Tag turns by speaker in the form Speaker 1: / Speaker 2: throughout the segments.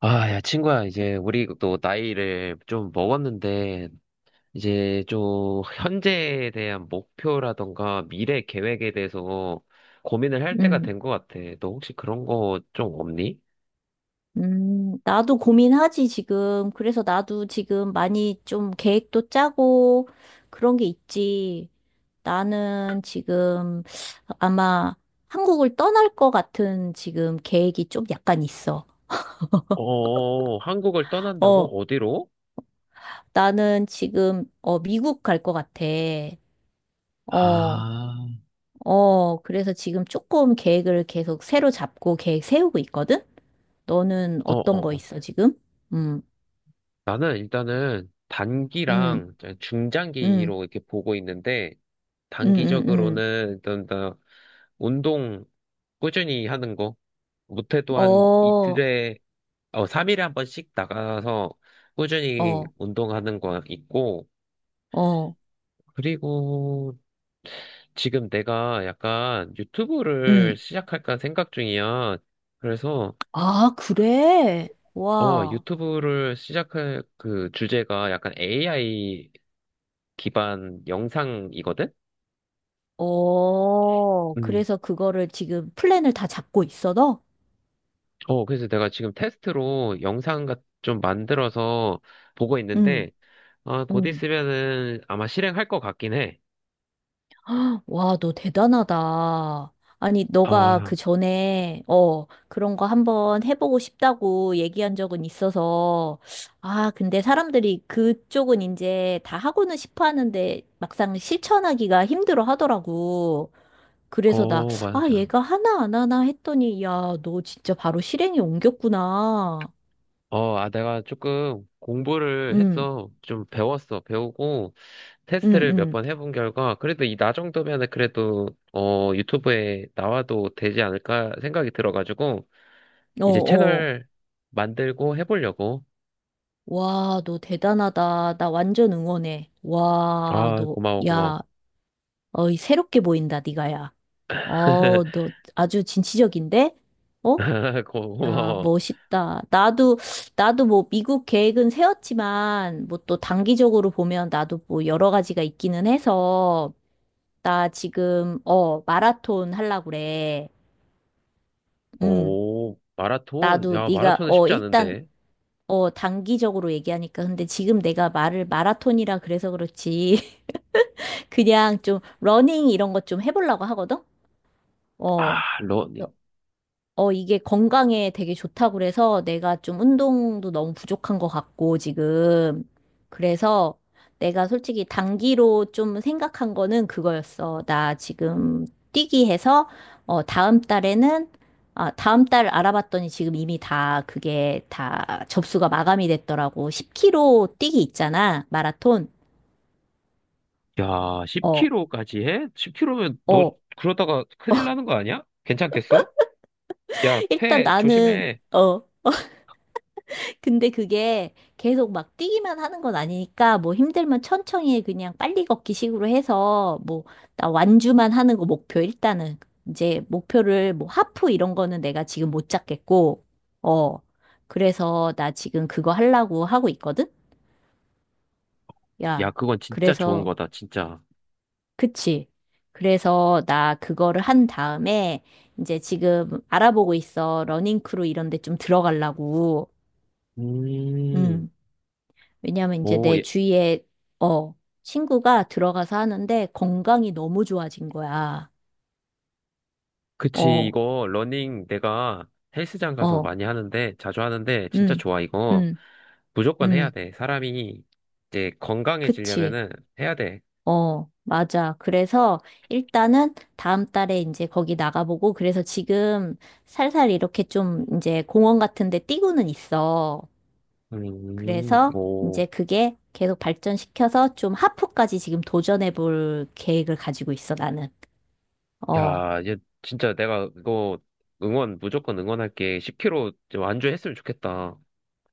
Speaker 1: 아, 야, 친구야, 이제 우리 또 나이를 좀 먹었는데, 이제 좀 현재에 대한 목표라던가 미래 계획에 대해서 고민을 할 때가
Speaker 2: 음,
Speaker 1: 된 것 같아. 너 혹시 그런 거 좀 없니?
Speaker 2: 나도 고민하지, 지금. 그래서 나도 지금 많이 좀 계획도 짜고 그런 게 있지. 나는 지금 아마 한국을 떠날 것 같은 지금 계획이 좀 약간 있어.
Speaker 1: 어, 한국을
Speaker 2: 어,
Speaker 1: 떠난다고? 어디로?
Speaker 2: 나는 지금, 미국 갈 것 같아. 어,
Speaker 1: 아,
Speaker 2: 그래서 지금 조금 계획을 계속 새로 잡고 계획 세우고 있거든? 너는
Speaker 1: 어,
Speaker 2: 어떤 거
Speaker 1: 어,
Speaker 2: 있어, 지금? 음,
Speaker 1: 나는 일단은
Speaker 2: 음,
Speaker 1: 단기랑
Speaker 2: 음,
Speaker 1: 중장기로 이렇게 보고 있는데,
Speaker 2: 음, 음, 음.
Speaker 1: 단기적으로는 일단 나 운동 꾸준히 하는 거, 못해도 한
Speaker 2: 어,
Speaker 1: 이틀에, 어, 3일에 한 번씩 나가서 꾸준히
Speaker 2: 어,
Speaker 1: 운동하는 거 있고,
Speaker 2: 어,
Speaker 1: 그리고 지금 내가 약간 유튜브를
Speaker 2: 음.
Speaker 1: 시작할까 생각 중이야. 그래서,
Speaker 2: 아, 그래?
Speaker 1: 어,
Speaker 2: 와,
Speaker 1: 유튜브를 시작할 그 주제가 약간 AI 기반 영상이거든? 음.
Speaker 2: 그래서 그거를 지금 플랜을 다 잡고 있어, 너?
Speaker 1: 어, 그래서 내가 지금 테스트로 영상 좀 만들어서 보고
Speaker 2: 응,
Speaker 1: 있는데, 아, 곧
Speaker 2: 응.
Speaker 1: 있으면은 아마 실행할 것 같긴 해.
Speaker 2: 와, 너 대단하다. 아니, 너가
Speaker 1: 아,
Speaker 2: 그 전에, 그런 거 한번 해보고 싶다고 얘기한 적은 있어서, 아, 근데 사람들이 그쪽은 이제 다 하고는 싶어 하는데 막상 실천하기가 힘들어 하더라고. 그래서 나,
Speaker 1: 어,
Speaker 2: 아,
Speaker 1: 맞아.
Speaker 2: 얘가 하나 안 하나 했더니, 야, 너 진짜 바로 실행에 옮겼구나.
Speaker 1: 어, 아, 내가 조금 공부를
Speaker 2: 응,
Speaker 1: 했어. 좀 배웠어. 배우고,
Speaker 2: 응,
Speaker 1: 테스트를 몇
Speaker 2: 응.
Speaker 1: 번 해본 결과, 그래도 이 나 정도면은 그래도, 어, 유튜브에 나와도 되지 않을까 생각이 들어가지고,
Speaker 2: 어,
Speaker 1: 이제
Speaker 2: 어.
Speaker 1: 채널 만들고 해보려고.
Speaker 2: 와, 너 대단하다. 나 완전 응원해.
Speaker 1: 아, 고마워, 고마워.
Speaker 2: 야, 어이, 새롭게 보인다, 네가, 야. 어, 너 아주 진취적인데? 어? 야,
Speaker 1: 고마워.
Speaker 2: 멋있다. 나도 뭐, 미국 계획은 세웠지만, 뭐 또 단기적으로 보면 나도 뭐 여러 가지가 있기는 해서, 나 지금 마라톤 하려고 그래. 음.
Speaker 1: 오, 마라톤?
Speaker 2: 나도
Speaker 1: 야,
Speaker 2: 네가
Speaker 1: 마라톤은 쉽지
Speaker 2: 일단
Speaker 1: 않은데.
Speaker 2: 단기적으로 얘기하니까 근데 지금 내가 말을 마라톤이라 그래서 그렇지. 그냥 좀 러닝 이런 것 좀 해보려고 하거든. 어.
Speaker 1: 아, 러닝.
Speaker 2: 어, 이게 건강에 되게 좋다고 그래서 내가 좀 운동도 너무 부족한 것 같고, 지금. 그래서 내가 솔직히 단기로 좀 생각한 거는 그거였어. 나 지금 뛰기 해서, 다음 달에는, 아, 다음 달 알아봤더니 지금 이미 다 그게 다 접수가 마감이 됐더라고. 10km 뛰기 있잖아. 마라톤.
Speaker 1: 야,
Speaker 2: 어,
Speaker 1: 10km까지 해? 10km면 너
Speaker 2: 어.
Speaker 1: 그러다가 큰일 나는 거 아니야? 괜찮겠어? 야,
Speaker 2: 일단
Speaker 1: 폐
Speaker 2: 나는,
Speaker 1: 조심해.
Speaker 2: 어, 근데 그게 계속 막 뛰기만 하는 건 아니니까 뭐 힘들면 천천히 해. 그냥 빨리 걷기 식으로 해서 뭐 나 완주만 하는 거 목표 일단은 이제 목표를 뭐 하프 이런 거는 내가 지금 못 잡겠고 어 그래서 나 지금 그거 하려고 하고 있거든.
Speaker 1: 야,
Speaker 2: 야
Speaker 1: 그건 진짜 좋은
Speaker 2: 그래서
Speaker 1: 거다, 진짜.
Speaker 2: 그치. 그래서 나 그거를 한 다음에 이제 지금 알아보고 있어. 러닝크루 이런 데 좀 들어가려고.
Speaker 1: 음,
Speaker 2: 음. 왜냐하면 이제
Speaker 1: 오,
Speaker 2: 내
Speaker 1: 예,
Speaker 2: 주위에 어 친구가 들어가서 하는데 건강이 너무 좋아진 거야.
Speaker 1: 그치,
Speaker 2: 어,
Speaker 1: 이거, 러닝 내가 헬스장 가서
Speaker 2: 어,
Speaker 1: 많이 하는데, 자주 하는데, 진짜
Speaker 2: 음,
Speaker 1: 좋아, 이거.
Speaker 2: 음,
Speaker 1: 무조건 해야
Speaker 2: 음,
Speaker 1: 돼. 사람이 이제
Speaker 2: 그치.
Speaker 1: 건강해지려면은 해야 돼.
Speaker 2: 어, 맞아. 그래서 일단은 다음 달에 이제 거기 나가보고 그래서 지금 살살 이렇게 좀 이제 공원 같은 데 뛰고는 있어. 그래서
Speaker 1: 오.
Speaker 2: 이제 그게 계속 발전시켜서 좀 하프까지 지금 도전해 볼 계획을 가지고 있어, 나는. 어.
Speaker 1: 야, 얘 진짜 내가 이거 응원, 무조건 응원할게. 10kg 좀 완주했으면 좋겠다.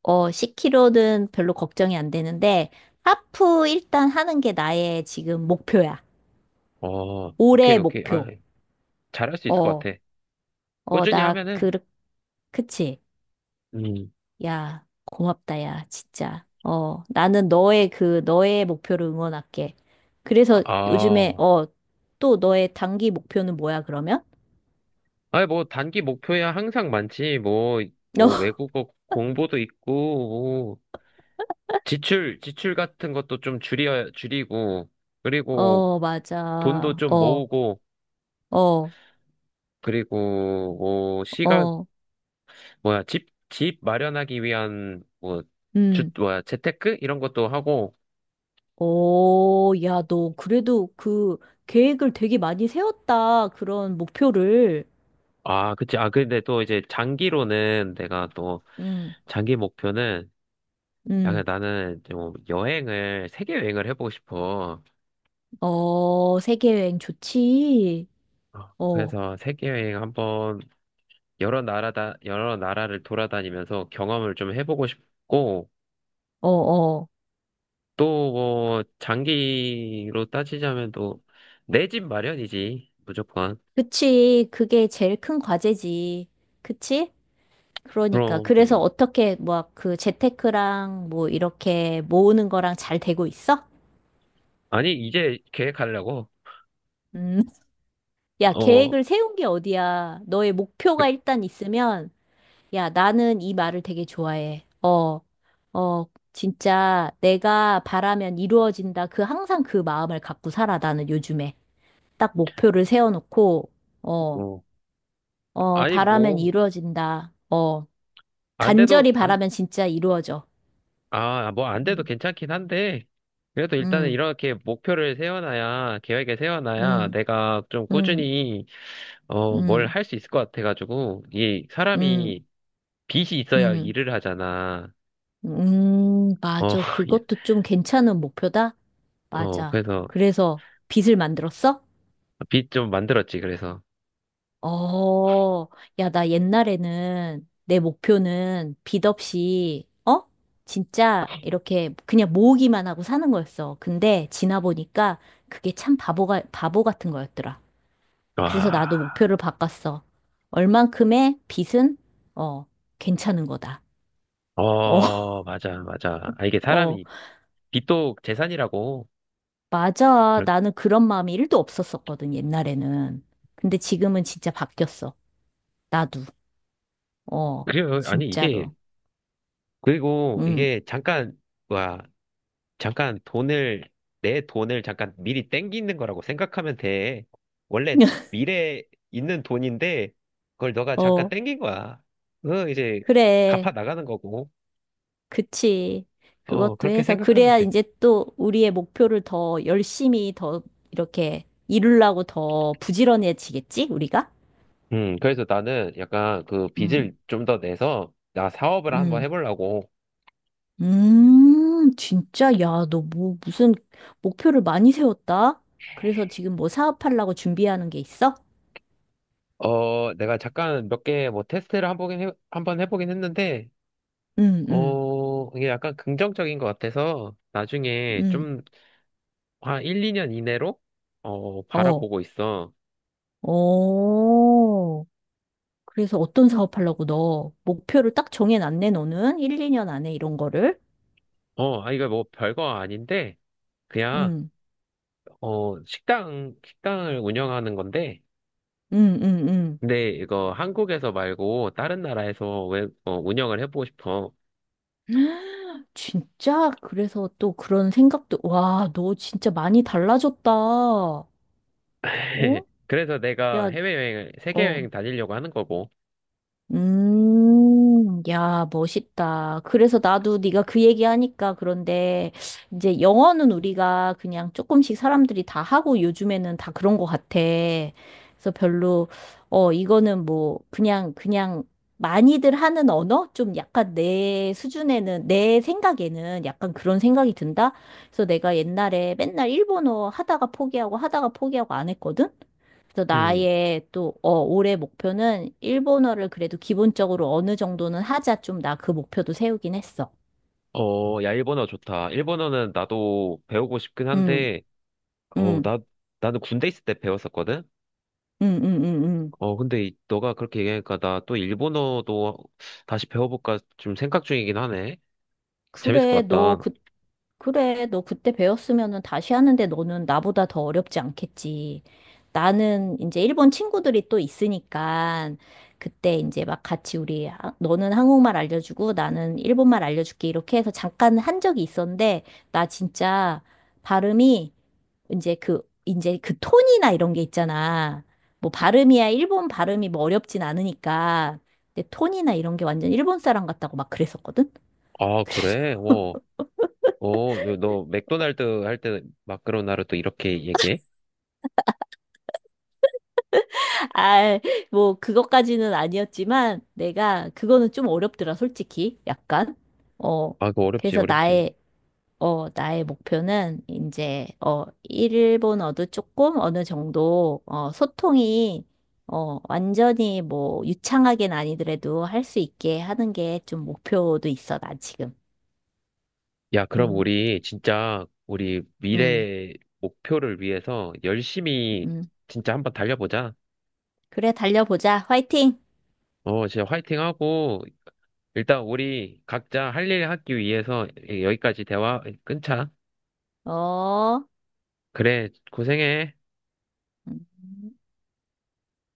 Speaker 2: 어, 10K 는 별로 걱정이 안 되는데, 하프 일단 하는 게 나의 지금 목표야.
Speaker 1: 어, 오케이,
Speaker 2: 올해
Speaker 1: 오케이. 아,
Speaker 2: 목표.
Speaker 1: 잘할 수 있을 것
Speaker 2: 어,
Speaker 1: 같아.
Speaker 2: 어,
Speaker 1: 꾸준히
Speaker 2: 나,
Speaker 1: 하면은,
Speaker 2: 그, 그치.
Speaker 1: 음,
Speaker 2: 야, 고맙다, 야, 진짜. 어, 나는 너의 목표를 응원할게. 그래서 요즘에,
Speaker 1: 아,
Speaker 2: 또 너의 단기 목표는 뭐야, 그러면?
Speaker 1: 아니, 뭐, 단기 목표야 항상 많지. 뭐, 뭐, 외국어 공부도 있고, 뭐, 지출 같은 것도 좀 줄이고, 그리고
Speaker 2: 어,
Speaker 1: 돈도
Speaker 2: 맞아.
Speaker 1: 좀
Speaker 2: 어,
Speaker 1: 모으고,
Speaker 2: 어,
Speaker 1: 그리고 뭐, 시간,
Speaker 2: 어,
Speaker 1: 뭐야, 집 마련하기 위한, 뭐,
Speaker 2: 음.
Speaker 1: 뭐야, 재테크? 이런 것도 하고,
Speaker 2: 어, 야, 너 그래도 그 계획을 되게 많이 세웠다. 그런 목표를.
Speaker 1: 아, 그치. 아, 근데 또 이제 장기로는 내가 또,
Speaker 2: 응,
Speaker 1: 장기 목표는, 약
Speaker 2: 응.
Speaker 1: 나는 좀 세계 여행을 해보고 싶어.
Speaker 2: 어, 세계 여행 좋지.
Speaker 1: 어,
Speaker 2: 어,
Speaker 1: 그래서 세계 여행 한번 여러 나라를 돌아다니면서 경험을 좀 해보고 싶고,
Speaker 2: 어, 어.
Speaker 1: 또 뭐, 장기로 따지자면 또, 내 집 마련이지. 무조건.
Speaker 2: 그치. 그게 제일 큰 과제지. 그치? 그러니까.
Speaker 1: 그럼,
Speaker 2: 그래서 어떻게, 뭐, 그 재테크랑 뭐, 이렇게 모으는 거랑 잘 되고 있어?
Speaker 1: 아니, 이제 계획하려고.
Speaker 2: 음. 야,
Speaker 1: 어,
Speaker 2: 계획을 세운 게 어디야. 너의 목표가
Speaker 1: 그-
Speaker 2: 일단 있으면 야, 나는 이 말을 되게 좋아해. 어, 진짜 내가 바라면 이루어진다. 그 항상 그 마음을 갖고 살아, 나는 요즘에. 딱 목표를 세워놓고, 어,
Speaker 1: 어. 아니,
Speaker 2: 바라면
Speaker 1: 뭐,
Speaker 2: 이루어진다.
Speaker 1: 안 돼도,
Speaker 2: 간절히
Speaker 1: 안,
Speaker 2: 바라면 진짜 이루어져.
Speaker 1: 아, 뭐, 안 돼도
Speaker 2: 음,
Speaker 1: 괜찮긴 한데, 그래도 일단은
Speaker 2: 음,
Speaker 1: 이렇게 목표를 세워놔야, 계획을 세워놔야
Speaker 2: 음,
Speaker 1: 내가 좀
Speaker 2: 음,
Speaker 1: 꾸준히, 어, 뭘
Speaker 2: 음,
Speaker 1: 할 수 있을 것 같아가지고, 이
Speaker 2: 음,
Speaker 1: 사람이 빚이 있어야
Speaker 2: 음,
Speaker 1: 일을 하잖아. 어,
Speaker 2: 맞아.
Speaker 1: 예.
Speaker 2: 그것도 좀 괜찮은 목표다?
Speaker 1: 어,
Speaker 2: 맞아.
Speaker 1: 그래서
Speaker 2: 그래서 빚을 만들었어?
Speaker 1: 빚 좀 만들었지, 그래서.
Speaker 2: 어, 야, 나 옛날에는 내 목표는 빚 없이, 어? 진짜 이렇게 그냥 모으기만 하고 사는 거였어. 근데 지나 보니까 그게 참 바보 같은 거였더라. 그래서 나도
Speaker 1: 와,
Speaker 2: 목표를 바꿨어. 얼만큼의 빚은, 어, 괜찮은 거다. 어,
Speaker 1: 어, 맞아, 맞아. 아, 이게
Speaker 2: 어,
Speaker 1: 사람이, 빚도 재산이라고.
Speaker 2: 맞아.
Speaker 1: 그
Speaker 2: 나는 그런 마음이 1도 없었었거든, 옛날에는. 근데 지금은 진짜 바뀌었어. 나도. 어,
Speaker 1: 그래요. 아니, 이게,
Speaker 2: 진짜로.
Speaker 1: 그리고
Speaker 2: 응.
Speaker 1: 이게 잠깐, 와, 잠깐 돈을, 내 돈을 잠깐 미리 땡기는 거라고 생각하면 돼. 원래 미래에 있는 돈인데, 그걸 너가 잠깐
Speaker 2: 어.
Speaker 1: 땡긴 거야. 이제
Speaker 2: 그래,
Speaker 1: 갚아 나가는 거고.
Speaker 2: 그치.
Speaker 1: 어,
Speaker 2: 그것도
Speaker 1: 그렇게
Speaker 2: 해서,
Speaker 1: 생각하면
Speaker 2: 그래야
Speaker 1: 돼.
Speaker 2: 이제 또 우리의 목표를 더 열심히 더 이렇게 이루려고 더 부지런해지겠지, 우리가?
Speaker 1: 그래서 나는 약간 그
Speaker 2: 음,
Speaker 1: 빚을 좀 더 내서, 나 사업을 한번
Speaker 2: 음,
Speaker 1: 해보려고.
Speaker 2: 진짜, 야, 너 뭐, 무슨 목표를 많이 세웠다? 그래서 지금 뭐 사업하려고 준비하는 게 있어?
Speaker 1: 어, 내가 잠깐 몇 개 뭐 테스트를 한번 해보긴 했는데,
Speaker 2: 음, 음,
Speaker 1: 어, 이게 약간 긍정적인 것 같아서 나중에
Speaker 2: 음,
Speaker 1: 좀 한 1, 2년 이내로 어,
Speaker 2: 어,
Speaker 1: 바라보고 있어.
Speaker 2: 어. 그래서 어떤 사업하려고 너 목표를 딱 정해놨네, 너는? 1, 2년 안에 이런 거를?
Speaker 1: 어, 아, 이거 뭐 별거 아닌데 그냥
Speaker 2: 음.
Speaker 1: 어, 식당을 운영하는 건데
Speaker 2: 응, 응, 응.
Speaker 1: 근데 이거 한국에서 말고 다른 나라에서 왜 어, 운영을 해보고 싶어.
Speaker 2: 진짜? 그래서 또 그런 생각도, 와, 너 진짜 많이 달라졌다. 어?
Speaker 1: 그래서 내가
Speaker 2: 야, 어.
Speaker 1: 세계여행 다니려고 하는 거고.
Speaker 2: 야, 멋있다. 그래서 나도 네가 그 얘기하니까 그런데 이제 영어는 우리가 그냥 조금씩 사람들이 다 하고 요즘에는 다 그런 것 같아. 그래서 별로 이거는 뭐 그냥 많이들 하는 언어? 좀 약간 내 수준에는 내 생각에는 약간 그런 생각이 든다. 그래서 내가 옛날에 맨날 일본어 하다가 포기하고 하다가 포기하고 안 했거든. 그래서
Speaker 1: 음.
Speaker 2: 나의 또, 올해 목표는 일본어를 그래도 기본적으로 어느 정도는 하자. 좀 나 그 목표도 세우긴 했어.
Speaker 1: 어, 야, 일본어 좋다. 일본어는 나도 배우고 싶긴
Speaker 2: 응,
Speaker 1: 한데, 어,
Speaker 2: 응,
Speaker 1: 나는 군대 있을 때 배웠었거든?
Speaker 2: 응, 응, 응, 응.
Speaker 1: 어, 근데 너가 그렇게 얘기하니까 나 또 일본어도 다시 배워볼까 좀 생각 중이긴 하네. 재밌을
Speaker 2: 그래,
Speaker 1: 것
Speaker 2: 너
Speaker 1: 같다.
Speaker 2: 그, 그래, 너 그때 배웠으면은 다시 하는데 너는 나보다 더 어렵지 않겠지. 나는 이제 일본 친구들이 또 있으니까 그때 이제 막 같이 우리, 아, 너는 한국말 알려주고 나는 일본말 알려줄게. 이렇게 해서 잠깐 한 적이 있었는데 나 진짜 발음이 이제 그 톤이나 이런 게 있잖아. 뭐 발음이야, 일본 발음이 뭐 어렵진 않으니까. 근데 톤이나 이런 게 완전 일본 사람 같다고 막 그랬었거든?
Speaker 1: 아, 그래? 어, 어, 너 맥도날드 할 때 마카로나를 또 이렇게 얘기해?
Speaker 2: 아, 뭐 그것까지는 아니었지만 내가 그거는 좀 어렵더라, 솔직히. 약간. 어.
Speaker 1: 아, 그거 어렵지,
Speaker 2: 그래서
Speaker 1: 어렵지.
Speaker 2: 나의 나의 목표는 이제, 일본어도 조금 어느 정도, 소통이, 완전히 뭐, 유창하게는 아니더라도 할 수 있게 하는 게 좀 목표도 있어, 나 지금.
Speaker 1: 야, 그럼
Speaker 2: 음,
Speaker 1: 우리 진짜 우리
Speaker 2: 음,
Speaker 1: 미래 목표를 위해서 열심히
Speaker 2: 음.
Speaker 1: 진짜 한번 달려보자.
Speaker 2: 그래, 달려보자. 화이팅!
Speaker 1: 어, 진짜 화이팅하고 일단 우리 각자 할 일 하기 위해서 여기까지 대화 끊자.
Speaker 2: 어.
Speaker 1: 그래, 고생해.
Speaker 2: 음.